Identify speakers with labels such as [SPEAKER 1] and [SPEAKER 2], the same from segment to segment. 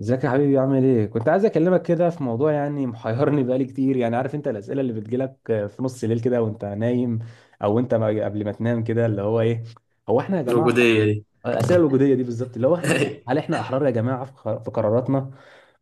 [SPEAKER 1] ازيك يا حبيبي؟ عامل ايه؟ كنت عايز اكلمك كده في موضوع يعني محيرني بقالي كتير. يعني عارف انت الاسئله اللي بتجيلك في نص الليل كده وانت نايم او انت ما- قبل ما تنام كده اللي هو ايه. هو احنا يا جماعه ح-
[SPEAKER 2] الوجودية دي.
[SPEAKER 1] الاسئله الوجوديه دي بالظبط، اللي هو هل احنا احرار يا جماعه في قراراتنا؟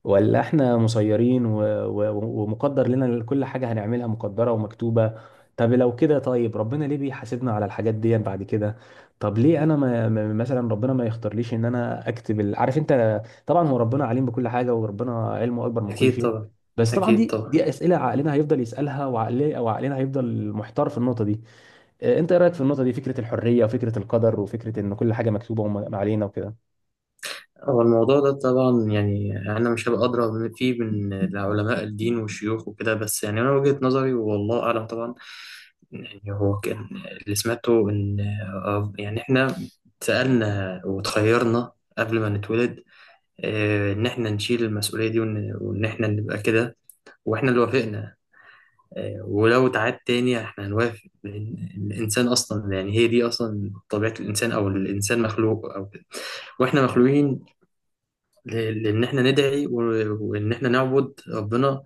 [SPEAKER 1] ولا احنا مسيرين و... و... ومقدر لنا كل حاجه هنعملها مقدره ومكتوبه؟ طب لو كده، طيب ربنا ليه بيحاسبنا على الحاجات دي بعد كده؟ طب ليه انا ما... ما- مثلا ربنا ما يختارليش ان انا اكتب عارف انت. طبعا هو ربنا عليم بكل حاجه وربنا علمه اكبر من كل
[SPEAKER 2] أكيد
[SPEAKER 1] شيء،
[SPEAKER 2] طبعا.
[SPEAKER 1] بس طبعا
[SPEAKER 2] أكيد
[SPEAKER 1] دي
[SPEAKER 2] طبعا.
[SPEAKER 1] دي اسئله عقلنا هيفضل يسالها، وعقلي او عقلنا هيفضل محتار في النقطه دي. انت ايه رايك في النقطه دي؟ فكره الحريه وفكره القدر وفكره ان كل حاجه مكتوبه وما علينا وكده.
[SPEAKER 2] هو الموضوع ده طبعا يعني أنا مش هبقى أدرى فيه من العلماء الدين والشيوخ وكده، بس يعني أنا وجهة نظري والله أعلم طبعا. يعني هو كان اللي سمعته إن يعني إحنا سألنا وتخيرنا قبل ما نتولد. إن إحنا نشيل المسؤولية دي وإن إحنا نبقى كده، وإحنا اللي وافقنا. ولو اتعاد تاني احنا هنوافق، لأن الإنسان أصلا يعني هي دي أصلا طبيعة الإنسان أو الإنسان مخلوق أو كده، واحنا مخلوقين لان احنا ندعي وان احنا نعبد ربنا.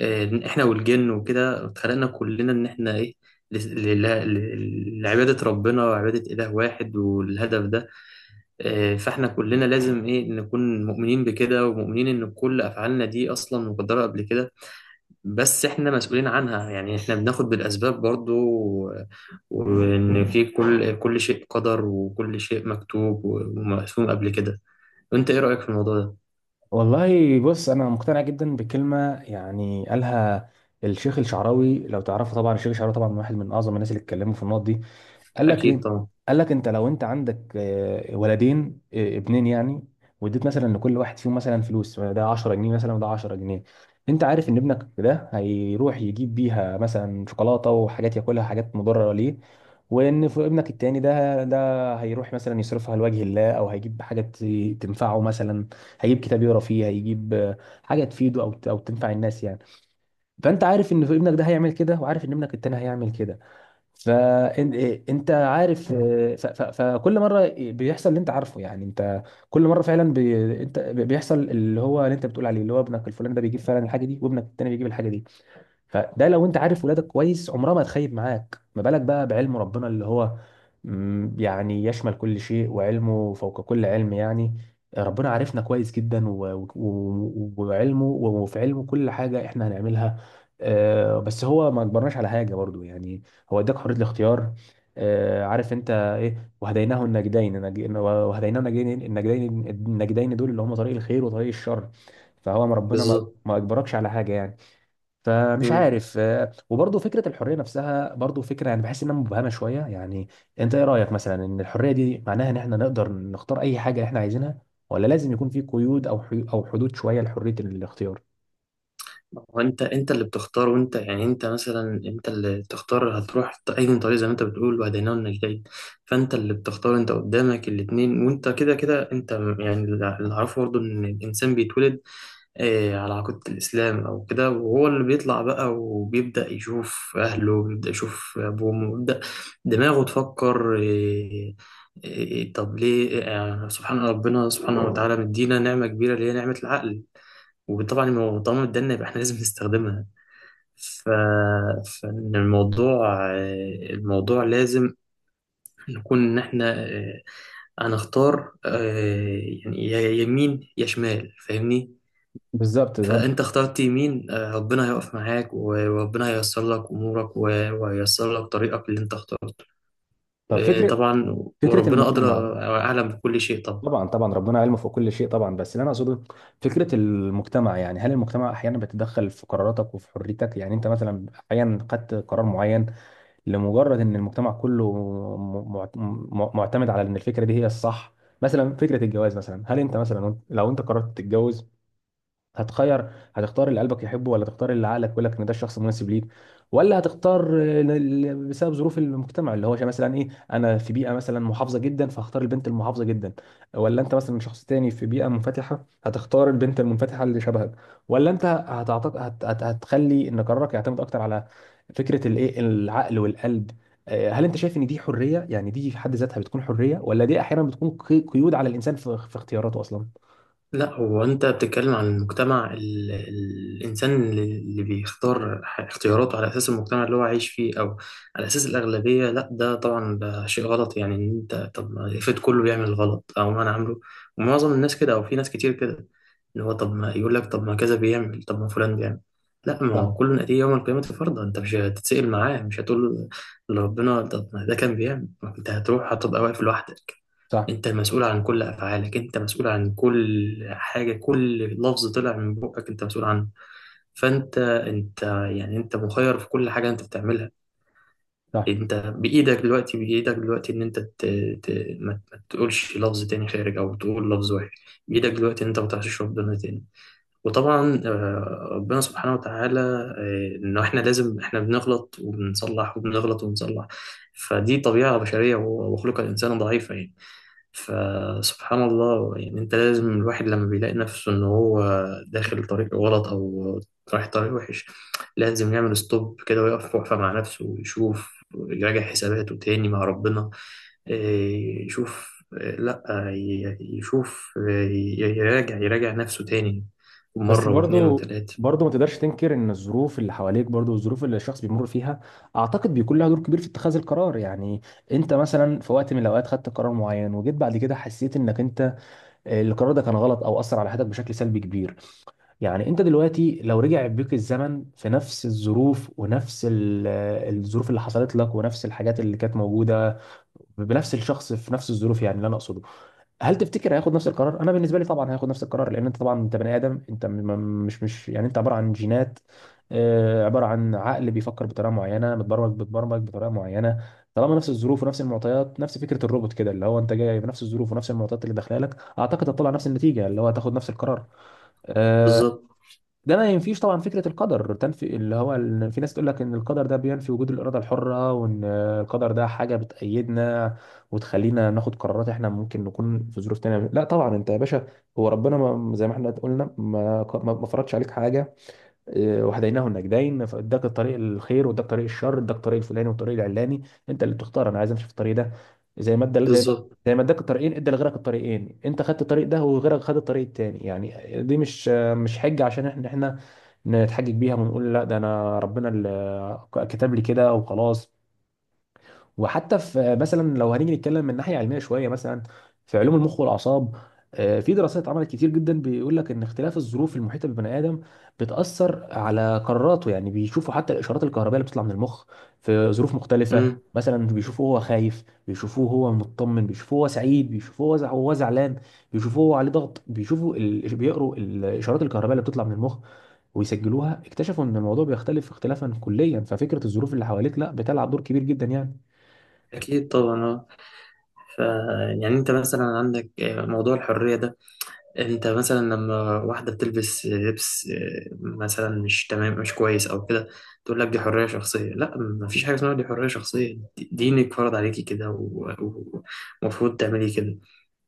[SPEAKER 2] احنا والجن وكده اتخلقنا كلنا ان احنا ايه ل- لعبادة ربنا وعبادة إله واحد والهدف ده. فاحنا كلنا لازم ايه نكون مؤمنين بكده ومؤمنين ان كل افعالنا دي اصلا مقدرة قبل كده، بس احنا مسؤولين عنها، يعني احنا بناخد بالاسباب برضو وان في كل شيء قدر، وكل شيء مكتوب ومقسوم قبل كده. انت ايه رايك في الموضوع ده؟
[SPEAKER 1] والله بص، انا مقتنع جدا بكلمه يعني قالها الشيخ الشعراوي، لو تعرفه طبعا. الشيخ الشعراوي طبعا واحد من اعظم الناس اللي اتكلموا في النقط دي. قال لك
[SPEAKER 2] اكيد
[SPEAKER 1] ايه؟
[SPEAKER 2] طبعا.
[SPEAKER 1] قال لك انت لو انت عندك ولدين، ابنين يعني، واديت مثلا لكل واحد فيهم مثلا فلوس، ده 10 جنيه مثلا وده 10 جنيه. انت عارف ان ابنك ده هيروح يجيب بيها مثلا شوكولاته وحاجات ياكلها، حاجات مضره ليه. وان ابنك التاني ده هيروح مثلا يصرفها لوجه الله او هيجيب تنفعه مثلا، هيجيب كتاب يقرا فيه، هيجيب حاجه تفيده او تنفع الناس يعني. فانت عارف ان ابنك ده هيعمل كده، وعارف ان ابنك التاني هيعمل كده. فانت عارف. آه، ف- ف- فكل مره بيحصل اللي انت عارفه، يعني انت كل مره انت بيحصل اللي هو اللي انت بتقول عليه، اللي هو ابنك الفلاني ده بيجيب فعلا الحاجه دي، وابنك التاني بيجيب الحاجه دي. فده لو انت عارف ولادك كويس عمرها ما تخيب معاك، ما بالك بقى بعلم ربنا اللي هو، يعني يشمل كل شيء وعلمه فوق كل علم يعني. ربنا عارفنا كويس جدا و- و- وعلمه وفي علمه كل حاجة احنا هنعملها. بس هو ما اجبرناش على حاجة برضو يعني، هو اداك حرية الاختيار. عارف انت ايه؟ وهديناه النجدين. وهديناه النجدين، النجدين النجدين دول اللي هم طريق الخير وطريق الشر. فهو ما ربنا ما
[SPEAKER 2] بالظبط.
[SPEAKER 1] ما اجبركش على حاجة يعني. فمش
[SPEAKER 2] مم.
[SPEAKER 1] عارف. وبرضه فكره الحريه نفسها برضه فكره يعني بحس انها مبهمه شويه يعني. انت ايه رايك مثلا؟ ان الحريه دي معناها ان احنا نقدر نختار اي حاجه احنا عايزينها، ولا لازم يكون في قيود او حدود شويه لحريه الاختيار؟
[SPEAKER 2] وانت انت اللي بتختار، وانت يعني انت مثلا انت اللي تختار هتروح اي طريق، زي ما انت بتقول وهديناه النجدين. فانت اللي بتختار، انت قدامك الاتنين، وانت كده كده انت يعني اللي اعرفه برضه ان الانسان بيتولد على عقيدة الإسلام أو كده، وهو اللي بيطلع بقى وبيبدأ يشوف أهله، بيبدأ يشوف أبوه وأمه، بيبدأ دماغه تفكر إيه. طب ليه سبحان ربنا سبحانه وتعالى مدينا نعمة كبيرة اللي هي نعمة العقل. وطبعا طالما ادانا يبقى احنا لازم نستخدمها. ف... فإن الموضوع الموضوع لازم نكون إن احنا هنختار يعني يا يمين يا شمال، فاهمني؟
[SPEAKER 1] بالظبط ده.
[SPEAKER 2] فانت اخترت يمين. ربنا هيقف معاك وربنا هييسر لك امورك وهييسر لك طريقك اللي انت اخترته.
[SPEAKER 1] طب
[SPEAKER 2] آه،
[SPEAKER 1] فكرة
[SPEAKER 2] طبعا.
[SPEAKER 1] فكرة
[SPEAKER 2] وربنا ادرى
[SPEAKER 1] المجتمع.
[SPEAKER 2] واعلم بكل شيء طبعا.
[SPEAKER 1] طبعا طبعا ربنا علمه فوق كل شيء طبعا، بس اللي انا اقصده فكره المجتمع، يعني هل المجتمع احيانا بيتدخل في قراراتك وفي حريتك؟ يعني انت مثلا احيانا خدت قرار معين لمجرد ان المجتمع كله معتمد على ان الفكره دي هي الصح. مثلا فكره الجواز مثلا، هل انت مثلا لو انت قررت تتجوز، هتختار اللي قلبك يحبه، ولا تختار اللي عقلك يقول لك ان ده الشخص المناسب ليك، ولا بسبب ظروف المجتمع، اللي هو مثلا ايه، انا في بيئه مثلا محافظه جدا فهختار البنت المحافظه جدا، ولا انت مثلا شخص تاني في بيئه منفتحه هتختار البنت المنفتحه اللي شبهك، ولا انت هتخلي ان قرارك يعتمد اكتر على فكره الايه العقل والقلب؟ هل انت شايف ان دي حريه؟ يعني دي في حد ذاتها بتكون حريه، ولا دي احيانا بتكون قيود على الانسان في في اختياراته اصلا؟
[SPEAKER 2] لا، هو انت بتتكلم عن المجتمع، الانسان اللي بيختار اختياراته على اساس المجتمع اللي هو عايش فيه او على اساس الاغلبيه؟ لا، ده طبعا ده شيء غلط، يعني ان انت طب ما افرض كله بيعمل الغلط، او ما انا عامله ومعظم الناس كده، او في ناس كتير كده، ان هو طب ما يقول لك طب ما كذا بيعمل طب ما فلان بيعمل. لا، ما
[SPEAKER 1] صح.
[SPEAKER 2] هو كل ناتيه يوم القيامه، فرضا انت مش هتتسأل معاه، مش هتقول لربنا طب ما ده كان بيعمل. ما انت هتروح هتبقى واقف لوحدك.
[SPEAKER 1] صح.
[SPEAKER 2] انت مسؤول عن كل افعالك، انت مسؤول عن كل حاجه، كل لفظ طلع من بقك انت مسؤول عنه. فانت يعني انت مخير في كل حاجه انت بتعملها.
[SPEAKER 1] صح.
[SPEAKER 2] انت بايدك دلوقتي، بايدك دلوقتي ان انت ت... ما تقولش لفظ تاني خارج، او تقول لفظ وحش. بايدك دلوقتي ان انت ما تحشش ربنا تاني. وطبعا ربنا سبحانه وتعالى، انه احنا لازم، احنا بنغلط وبنصلح وبنغلط وبنصلح، فدي طبيعه بشريه، وخلق الانسان ضعيفه يعني. فسبحان الله، يعني انت لازم، الواحد لما بيلاقي نفسه ان هو داخل طريق غلط او رايح طريق وحش، لازم يعمل ستوب كده، ويقف وقفة مع نفسه، ويشوف، يراجع حساباته تاني مع ربنا. يشوف، لا يشوف، يراجع نفسه تاني،
[SPEAKER 1] بس
[SPEAKER 2] مرة واتنين
[SPEAKER 1] برضو،
[SPEAKER 2] وتلاتة.
[SPEAKER 1] برضو ما تقدرش تنكر ان الظروف اللي حواليك برضو، والظروف اللي الشخص بيمر فيها، اعتقد بيكون لها دور كبير في اتخاذ القرار يعني. انت مثلا في وقت من الاوقات خدت قرار معين، وجيت بعد كده حسيت انك انت القرار ده كان غلط او اثر على حياتك بشكل سلبي كبير. يعني انت دلوقتي لو رجع بيك الزمن في نفس الظروف ونفس الظروف اللي حصلت لك ونفس الحاجات اللي كانت موجودة، بنفس الشخص في نفس الظروف، يعني اللي انا اقصده هل تفتكر هياخد نفس القرار؟ انا بالنسبه لي طبعا هياخد نفس القرار، لان انت طبعا انت بني ادم، انت مش يعني انت عباره عن جينات، عباره عن عقل بيفكر بطريقه معينه، متبرمج بتبرمج بطريقه معينه. طالما نفس الظروف ونفس المعطيات، نفس فكره الروبوت كده، اللي هو انت جاي بنفس الظروف ونفس المعطيات اللي داخله لك، اعتقد هتطلع نفس النتيجه، اللي هو هتاخد نفس القرار. آه،
[SPEAKER 2] بالظبط.
[SPEAKER 1] ده ما ينفيش طبعا فكره القدر، تنفي اللي هو في ناس تقول لك ان القدر ده بينفي وجود الاراده الحره، وان القدر ده حاجه بتأيدنا وتخلينا ناخد قرارات احنا ممكن نكون في ظروف تانية. لا طبعا انت يا باشا، هو ربنا، ما زي ما احنا قلنا، ما فرضش عليك حاجه. وهديناه النجدين، فاداك الطريق الخير واداك طريق الشر، اداك الطريق الفلاني والطريق العلاني، انت اللي بتختار. انا عايز امشي في الطريق ده، زي ما ادى زي ما
[SPEAKER 2] بالظبط.
[SPEAKER 1] زي ما اداك الطريقين، ادى لغيرك الطريقين. انت خدت الطريق ده، وغيرك خد الطريق التاني يعني. دي مش، مش حجه عشان احنا نتحجج بيها ونقول لا ده انا ربنا اللي كتب لي كده وخلاص. وحتى في مثلا، لو هنيجي نتكلم من ناحيه علميه شويه، مثلا في علوم المخ والاعصاب، في دراسات اتعملت كتير جدا بيقول لك ان اختلاف الظروف المحيطه بالبني ادم بتاثر على قراراته يعني. بيشوفوا حتى الاشارات الكهربائيه اللي بتطلع من المخ في ظروف مختلفه،
[SPEAKER 2] مم.
[SPEAKER 1] مثلا بيشوفوه هو خايف، بيشوفوه هو مطمن، بيشوفوه هو سعيد، بيشوفوه هو زعلان، بيشوفوه هو عليه ضغط، بيقروا الاشارات الكهربائيه اللي بتطلع من المخ ويسجلوها. اكتشفوا ان الموضوع بيختلف اختلافا كليا، ففكره الظروف اللي حواليك لا بتلعب دور كبير جدا يعني.
[SPEAKER 2] أكيد طبعا. اه. ف يعني أنت مثلا عندك موضوع الحرية ده، انت مثلا لما واحدة بتلبس لبس مثلا مش تمام، مش كويس او كده، تقول لك دي حرية شخصية. لا، مفيش حاجة اسمها دي حرية شخصية، دينك فرض عليكي كده، و- ومفروض تعملي كده.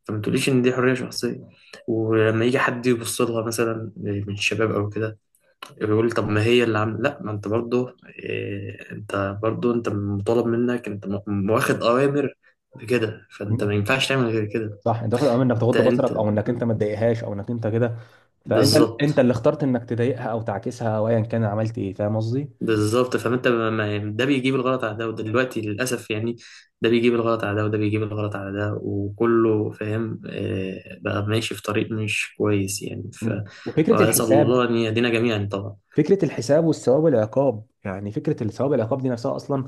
[SPEAKER 2] فما تقوليش ان دي حرية شخصية. ولما يجي حد يبص لها مثلا من الشباب او كده، يقول طب ما هي اللي عامله، لا، ما انت برضه إيه، انت برضه انت مطالب منك، انت واخد اوامر بكده، فانت ما ينفعش تعمل غير كده.
[SPEAKER 1] صح، انت واخد امر انك
[SPEAKER 2] انت
[SPEAKER 1] تغض
[SPEAKER 2] انت
[SPEAKER 1] بصرك، او انك انت ما تضايقهاش، او انك انت كده. فانت انت
[SPEAKER 2] بالظبط.
[SPEAKER 1] اللي اخترت انك تضايقها او تعكسها او ايا كان، عملت ايه؟ فاهم قصدي؟
[SPEAKER 2] بالظبط. فانت يعني ده بيجيب الغلط على ده وده، دلوقتي للاسف يعني ده بيجيب الغلط على ده، وده بيجيب الغلط على ده، وكله فاهم. بقى ماشي في طريق مش كويس يعني. ف
[SPEAKER 1] لا. وفكره
[SPEAKER 2] واسال
[SPEAKER 1] الحساب،
[SPEAKER 2] الله ان يهدينا جميعا طبعا.
[SPEAKER 1] فكره الحساب والثواب والعقاب، يعني فكره الثواب والعقاب دي نفسها اصلا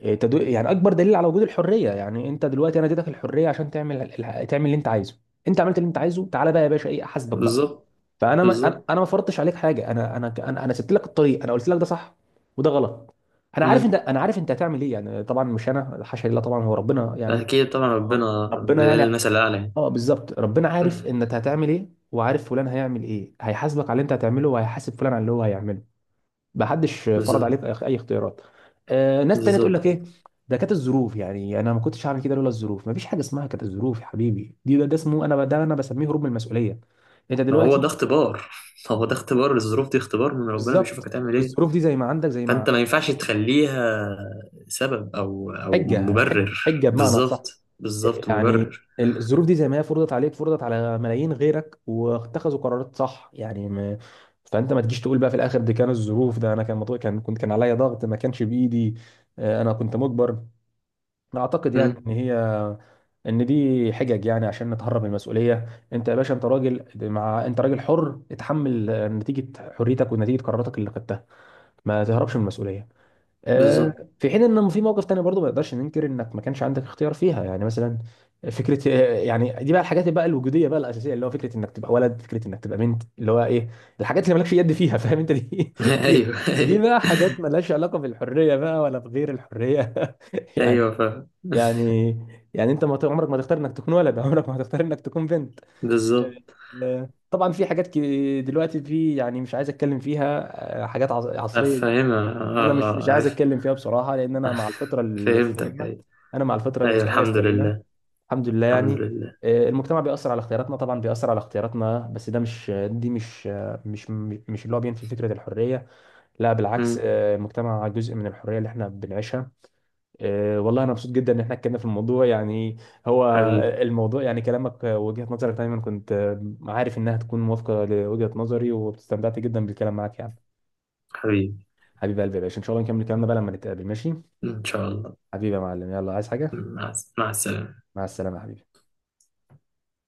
[SPEAKER 1] يعني اكبر دليل على وجود الحريه. يعني انت دلوقتي، انا اديتك الحريه عشان تعمل اللي انت عايزه، انت عملت اللي انت عايزه، تعالى بقى يا باشا ايه، احاسبك بقى.
[SPEAKER 2] بالظبط.
[SPEAKER 1] فانا ما انا
[SPEAKER 2] بالظبط.
[SPEAKER 1] أنا ما فرضتش عليك حاجه، انا سبت لك الطريق، انا قلت لك ده صح وده غلط.
[SPEAKER 2] امم.
[SPEAKER 1] انا عارف انت هتعمل ايه يعني، طبعا مش انا، حاشا لله، طبعا هو ربنا يعني.
[SPEAKER 2] اكيد طبعا.
[SPEAKER 1] آه.
[SPEAKER 2] ربنا
[SPEAKER 1] ربنا
[SPEAKER 2] لله
[SPEAKER 1] يعني،
[SPEAKER 2] المثل الاعلى يعني.
[SPEAKER 1] اه بالظبط، ربنا
[SPEAKER 2] مم.
[SPEAKER 1] عارف ان انت هتعمل ايه، وعارف فلان هيعمل ايه، هيحاسبك على اللي انت هتعمله، وهيحاسب فلان على اللي هو هيعمله. محدش فرض
[SPEAKER 2] بالظبط.
[SPEAKER 1] عليك أي اختيارات. آه، ناس تانية تقول
[SPEAKER 2] بالظبط.
[SPEAKER 1] لك ايه، ده كانت الظروف يعني، يعني انا ما كنتش هعمل كده لولا الظروف. مفيش حاجه اسمها كانت الظروف يا حبيبي، ده اسمه انا ده انا بسميه هروب من المسؤوليه. انت
[SPEAKER 2] ما هو
[SPEAKER 1] دلوقتي
[SPEAKER 2] ده اختبار. هو ده اختبار. الظروف دي اختبار من ربنا، بيشوفك
[SPEAKER 1] بالظبط،
[SPEAKER 2] هتعمل ايه.
[SPEAKER 1] الظروف دي زي ما عندك، زي ما،
[SPEAKER 2] فانت ما ينفعش تخليها سبب او
[SPEAKER 1] حجه،
[SPEAKER 2] مبرر.
[SPEAKER 1] حجه بمعنى صح.
[SPEAKER 2] بالظبط. بالظبط.
[SPEAKER 1] يعني
[SPEAKER 2] مبرر.
[SPEAKER 1] الظروف دي زي ما هي فرضت عليك، فرضت على ملايين غيرك واتخذوا قرارات صح يعني. ما فانت ما تجيش تقول بقى في الاخر دي كانت الظروف، ده انا كان مطلوب، كان كنت، كان عليا ضغط، ما كانش بايدي، انا كنت مجبر. اعتقد يعني ان
[SPEAKER 2] امم.
[SPEAKER 1] هي، ان دي حجج يعني عشان نتهرب من المسؤوليه. انت يا باشا انت راجل، انت راجل حر، اتحمل نتيجه حريتك ونتيجه قراراتك اللي خدتها، ما تهربش من المسؤوليه.
[SPEAKER 2] بالظبط.
[SPEAKER 1] في حين ان في موقف تاني برضو ما نقدرش ننكر انك ما كانش عندك اختيار فيها، يعني مثلا فكره يعني دي بقى الحاجات بقى الوجوديه بقى الاساسيه، اللي هو فكره انك تبقى ولد، فكره انك تبقى بنت، اللي هو ايه، الحاجات اللي مالكش يد فيها. فاهم انت؟ دي دي,
[SPEAKER 2] ايوه.
[SPEAKER 1] دي بقى حاجات مالهاش علاقه بالحريه بقى ولا بغير الحريه
[SPEAKER 2] ايوه
[SPEAKER 1] يعني.
[SPEAKER 2] فاهم.
[SPEAKER 1] يعني يعني انت ما ت- عمرك ما تختار انك تكون ولد عمرك ما هتختار انك تكون بنت.
[SPEAKER 2] بالظبط.
[SPEAKER 1] طبعا في حاجات دلوقتي في، يعني مش عايز اتكلم فيها. حاجات عصريه،
[SPEAKER 2] فاهمها اه.
[SPEAKER 1] انا مش
[SPEAKER 2] اه
[SPEAKER 1] عايز
[SPEAKER 2] عارف.
[SPEAKER 1] اتكلم فيها بصراحه، لان انا مع الفطره
[SPEAKER 2] فهمتك
[SPEAKER 1] السليمه،
[SPEAKER 2] ايوه.
[SPEAKER 1] انا مع الفطره
[SPEAKER 2] ايوه
[SPEAKER 1] الانسانيه
[SPEAKER 2] الحمد
[SPEAKER 1] السليمه.
[SPEAKER 2] لله.
[SPEAKER 1] الحمد لله
[SPEAKER 2] الحمد
[SPEAKER 1] يعني.
[SPEAKER 2] لله.
[SPEAKER 1] المجتمع بيأثر على اختياراتنا، طبعا بيأثر على اختياراتنا، بس ده مش، دي مش، مش مش اللي هو بينفي فكره الحريه، لا بالعكس.
[SPEAKER 2] امم.
[SPEAKER 1] المجتمع جزء من الحريه اللي احنا بنعيشها. والله انا مبسوط جدا ان احنا اتكلمنا في الموضوع يعني. هو
[SPEAKER 2] حبيبي.
[SPEAKER 1] الموضوع يعني، كلامك وجهه نظرك دايما كنت عارف انها تكون موافقه لوجهه نظري، واستمتعت جدا بالكلام معاك يعني.
[SPEAKER 2] حبيبي.
[SPEAKER 1] حبيب قلبي يا باشا، ان شاء الله نكمل كلامنا بقى لما نتقابل، ماشي؟
[SPEAKER 2] ان شاء الله.
[SPEAKER 1] حبيبي يا معلم، يلا، عايز حاجة؟
[SPEAKER 2] مع السلامة.
[SPEAKER 1] مع السلامة يا حبيبي.